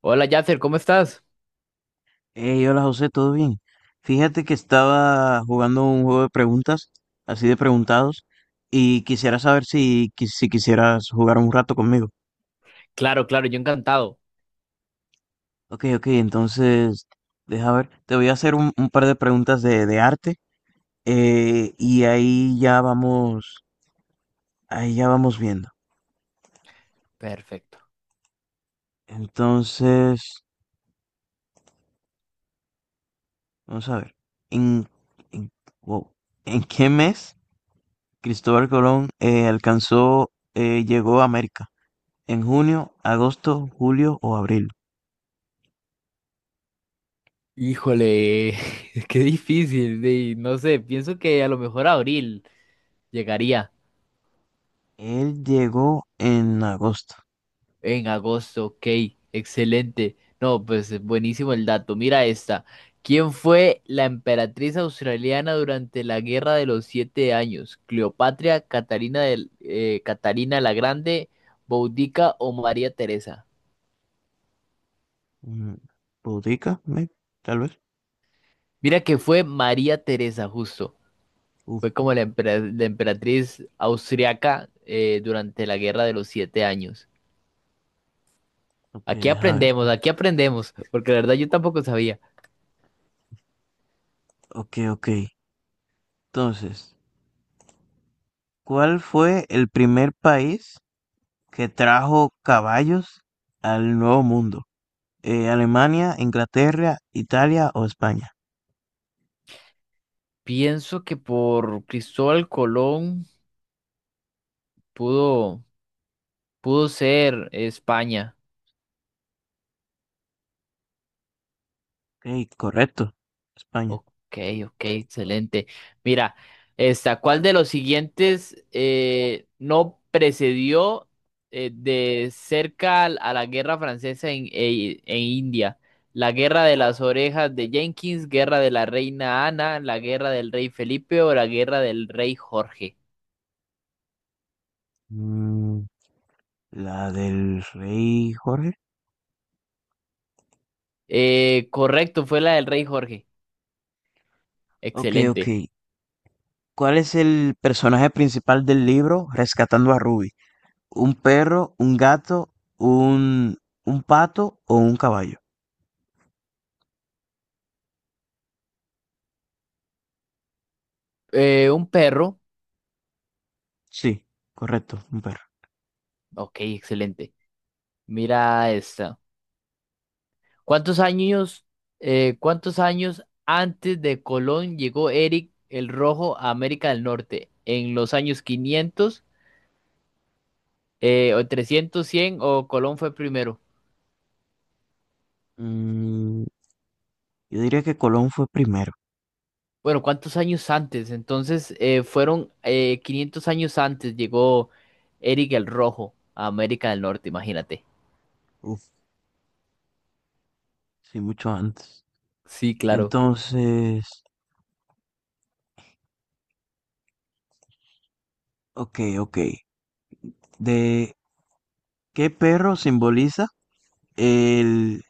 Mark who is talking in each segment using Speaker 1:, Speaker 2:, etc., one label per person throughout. Speaker 1: Hola Yasser, ¿cómo estás?
Speaker 2: Hey, hola José, ¿todo bien? Fíjate que estaba jugando un juego de preguntas, así de preguntados, y quisiera saber si, si quisieras jugar un rato conmigo.
Speaker 1: Claro, claro, yo encantado.
Speaker 2: Ok, ok, entonces, deja ver, te voy a hacer un par de preguntas de arte, y ahí ya vamos viendo.
Speaker 1: Perfecto.
Speaker 2: Entonces, vamos a ver, en, en, wow, ¿en qué mes Cristóbal Colón alcanzó, llegó a América? En junio, agosto, julio o abril.
Speaker 1: Híjole, qué difícil, no sé, pienso que a lo mejor abril llegaría
Speaker 2: Él llegó en agosto.
Speaker 1: en agosto, ok, excelente. No, pues es buenísimo el dato. Mira esta. ¿Quién fue la emperatriz australiana durante la Guerra de los Siete Años? ¿Cleopatra, Catalina, Catalina la Grande, Boudica o María Teresa?
Speaker 2: Mm, ¿Pudica? Tal vez.
Speaker 1: Mira que fue María Teresa, justo.
Speaker 2: Uf,
Speaker 1: Fue como la emperatriz austriaca durante la Guerra de los Siete Años.
Speaker 2: ok, deja ver.
Speaker 1: Aquí aprendemos, porque la verdad yo tampoco sabía.
Speaker 2: Ok, ok. Entonces, ¿cuál fue el primer país que trajo caballos al Nuevo Mundo? ¿Alemania, Inglaterra, Italia o España?
Speaker 1: Pienso que por Cristóbal Colón pudo, pudo ser España.
Speaker 2: Ok, correcto. España.
Speaker 1: Ok, ok, excelente. Mira, esta, ¿cuál de los siguientes no precedió de cerca a la guerra francesa en India? La guerra de las orejas de Jenkins, guerra de la reina Ana, la guerra del rey Felipe o la guerra del rey Jorge.
Speaker 2: Mm, ¿la del rey Jorge?
Speaker 1: Correcto, fue la del rey Jorge.
Speaker 2: Ok,
Speaker 1: Excelente.
Speaker 2: ok. ¿Cuál es el personaje principal del libro Rescatando a Ruby? ¿Un perro, un gato, un, un pato o un caballo?
Speaker 1: Un perro.
Speaker 2: Sí, correcto, un perro.
Speaker 1: Ok, excelente. Mira esta. ¿Cuántos años, cuántos años antes de Colón llegó Eric el Rojo a América del Norte? ¿En los años 500 o 300 100 o Colón fue primero?
Speaker 2: Mm, yo diría que Colón fue primero.
Speaker 1: Bueno, ¿cuántos años antes? Entonces, fueron 500 años antes llegó Eric el Rojo a América del Norte, imagínate.
Speaker 2: Uf, sí, mucho antes.
Speaker 1: Sí, claro.
Speaker 2: Entonces, ok, ok. ¿De qué perro simboliza el...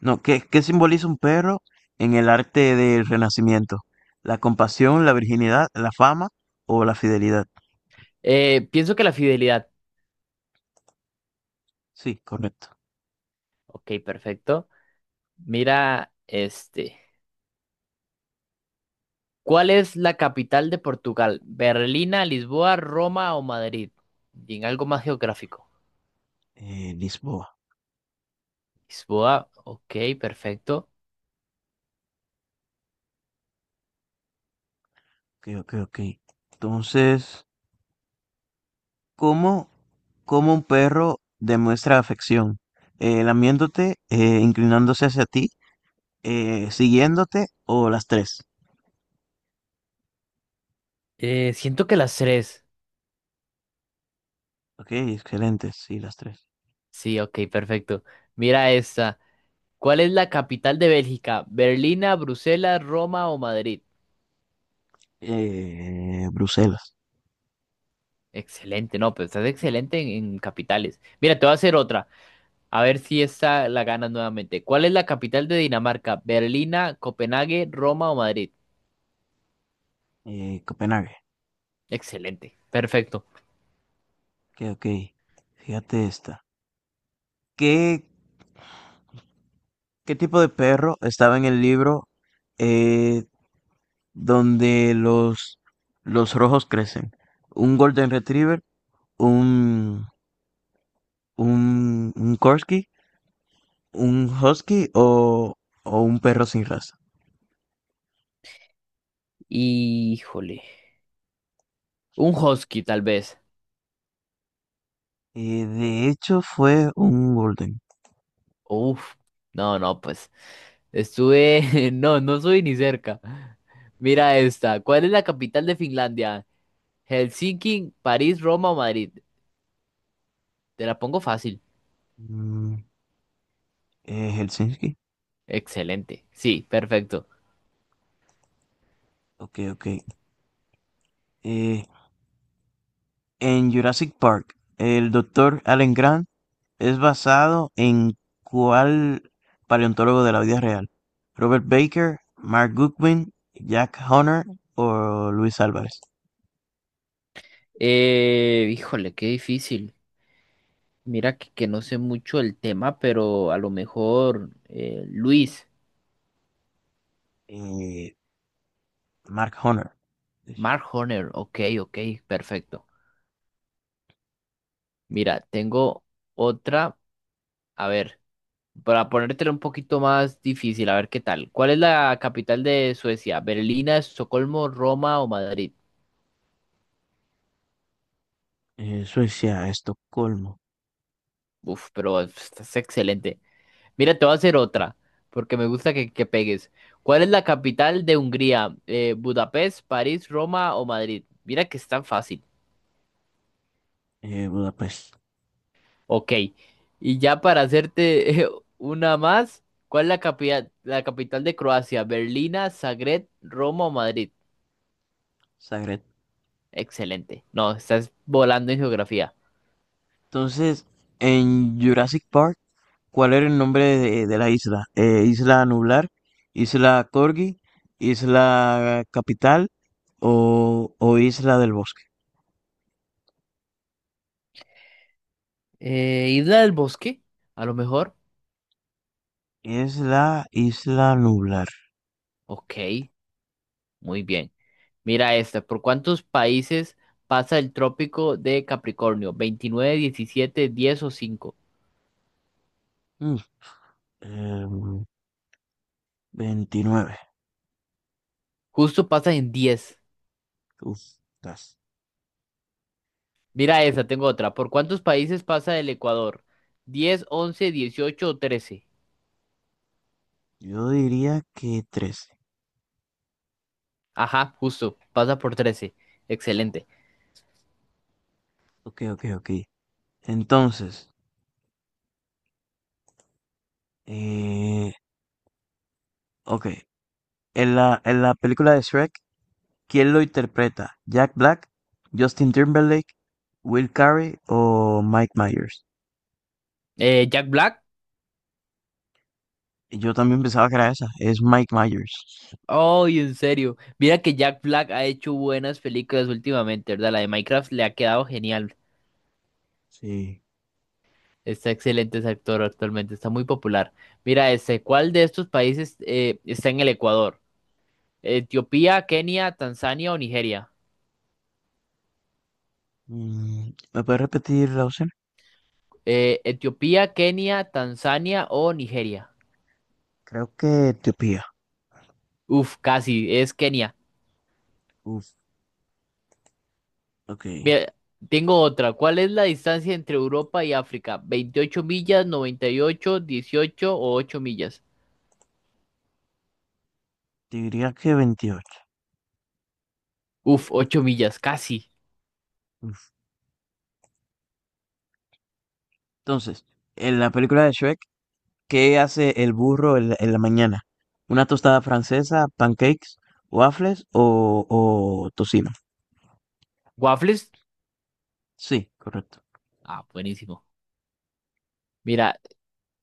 Speaker 2: No, ¿qué simboliza un perro en el arte del Renacimiento? ¿La compasión, la virginidad, la fama o la fidelidad?
Speaker 1: Pienso que la fidelidad.
Speaker 2: Sí, correcto.
Speaker 1: Ok, perfecto. Mira, este. ¿Cuál es la capital de Portugal? ¿Berlina, Lisboa, Roma o Madrid? Y en algo más geográfico.
Speaker 2: Lisboa.
Speaker 1: Lisboa, ok, perfecto.
Speaker 2: Ok, ok, ok. Entonces, ¿cómo, ¿cómo un perro demuestra afección? Lamiéndote, inclinándose hacia ti, siguiéndote o las tres.
Speaker 1: Siento que las tres.
Speaker 2: Ok, excelente, sí, las tres.
Speaker 1: Sí, ok, perfecto. Mira esta. ¿Cuál es la capital de Bélgica? ¿Berlina, Bruselas, Roma o Madrid?
Speaker 2: Bruselas,
Speaker 1: Excelente, no, pues estás excelente en capitales. Mira, te voy a hacer otra. A ver si esta la ganas nuevamente. ¿Cuál es la capital de Dinamarca? ¿Berlina, Copenhague, Roma o Madrid?
Speaker 2: Copenhague.
Speaker 1: Excelente, perfecto.
Speaker 2: Ok, ok. Fíjate esta. ¿Qué, ¿qué tipo de perro estaba en el libro eh, donde los rojos crecen? ¿Un Golden Retriever? ¿Un ¿Un Corgi, un Husky o un perro sin raza.
Speaker 1: Híjole. Un husky, tal vez.
Speaker 2: De hecho, fue un Golden.
Speaker 1: Uf. No, no, pues. Estuve. No, no soy ni cerca. Mira esta. ¿Cuál es la capital de Finlandia? Helsinki, París, Roma o Madrid. Te la pongo fácil.
Speaker 2: Mm, Helsinki.
Speaker 1: Excelente. Sí, perfecto.
Speaker 2: Ok, ok. Eh, en Jurassic Park, ¿el doctor Alan Grant es basado en cuál paleontólogo de la vida real? Robert Baker, Mark Goodwin, Jack Honor o Luis Álvarez.
Speaker 1: Híjole, qué difícil. Mira que no sé mucho el tema, pero a lo mejor Luis,
Speaker 2: Eh, Mark Honor, de hecho.
Speaker 1: Mark Horner. Ok, ok, perfecto. Mira, tengo otra. A ver. Para ponértelo un poquito más difícil, a ver qué tal. ¿Cuál es la capital de Suecia? ¿Berlina, Estocolmo, Roma o Madrid?
Speaker 2: Suecia, Estocolmo,
Speaker 1: Uf, pero estás excelente. Mira, te voy a hacer otra, porque me gusta que pegues. ¿Cuál es la capital de Hungría? ¿Budapest, París, Roma o Madrid? Mira que es tan fácil.
Speaker 2: Budapest.
Speaker 1: Ok. Y ya para hacerte una más, ¿cuál es la capital de Croacia? ¿Berlina, Zagreb, Roma o Madrid?
Speaker 2: Zagreb.
Speaker 1: Excelente. No, estás volando en geografía.
Speaker 2: Entonces, en Jurassic Park, ¿cuál era el nombre de la isla? ¿Isla Nublar? ¿Isla Corgi? ¿Isla Capital? O Isla del Bosque?
Speaker 1: Isla del Bosque, a lo mejor.
Speaker 2: Es la Isla Nublar.
Speaker 1: Ok, muy bien. Mira esta, ¿por cuántos países pasa el trópico de Capricornio? 29, 17, 10 o 5.
Speaker 2: Mm, em, 29.
Speaker 1: Justo pasa en 10.
Speaker 2: Uf, tas.
Speaker 1: Mira esta, tengo otra. ¿Por cuántos países pasa el Ecuador? 10, 11, 18 o 13.
Speaker 2: Yo diría que 13.
Speaker 1: Ajá, justo, pasa por 13. Excelente.
Speaker 2: Ok, ok, ok. Entonces, eh, ok. En en la película de Shrek, ¿quién lo interpreta, Jack Black, Justin Timberlake, Will Carey o Mike Myers?
Speaker 1: ¿Jack Black?
Speaker 2: Y yo también pensaba que era esa, es Mike Myers.
Speaker 1: Ay, en serio. Mira que Jack Black ha hecho buenas películas últimamente, ¿verdad? La de Minecraft le ha quedado genial.
Speaker 2: Sí.
Speaker 1: Está excelente ese actor actualmente, está muy popular. Mira, ese, ¿cuál de estos países está en el Ecuador? Etiopía, Kenia, Tanzania o Nigeria.
Speaker 2: Mm, ¿me puedes repetir la opción?
Speaker 1: Etiopía, Kenia, Tanzania o Nigeria.
Speaker 2: Creo que Etiopía.
Speaker 1: Uf, casi, es Kenia.
Speaker 2: Uf, ok. Te
Speaker 1: Mira, tengo otra. ¿Cuál es la distancia entre Europa y África? 28 millas, 98, 18 o 8 millas?
Speaker 2: diría que 28.
Speaker 1: Uf, 8 millas, casi.
Speaker 2: Uf. Entonces, en la película de Shrek, ¿qué hace el burro en en la mañana? ¿Una tostada francesa, pancakes, waffles o tocino?
Speaker 1: ¿Waffles?
Speaker 2: Sí, correcto.
Speaker 1: Ah, buenísimo. Mira,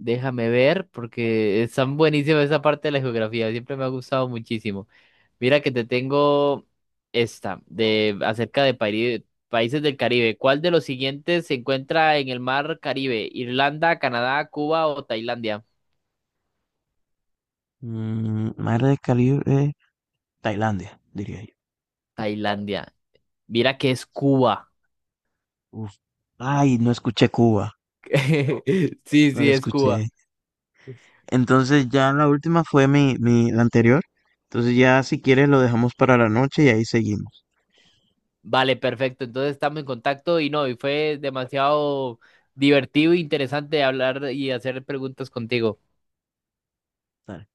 Speaker 1: Déjame ver, porque están buenísimas esa parte de la geografía, siempre me ha gustado muchísimo. Mira que te tengo esta, de acerca de países del Caribe. ¿Cuál de los siguientes se encuentra en el mar Caribe? ¿Irlanda, Canadá, Cuba o Tailandia?
Speaker 2: Mm, madre de calibre. Tailandia, diría yo.
Speaker 1: Tailandia. Mira que es Cuba.
Speaker 2: Uf. Ay, no escuché Cuba,
Speaker 1: Sí,
Speaker 2: no la
Speaker 1: sí, es Cuba.
Speaker 2: escuché. Entonces ya la última fue la anterior. Entonces ya si quieres lo dejamos para la noche y ahí seguimos.
Speaker 1: Vale, perfecto. Entonces estamos en contacto y no, y fue demasiado divertido e interesante hablar y hacer preguntas contigo.
Speaker 2: Dale.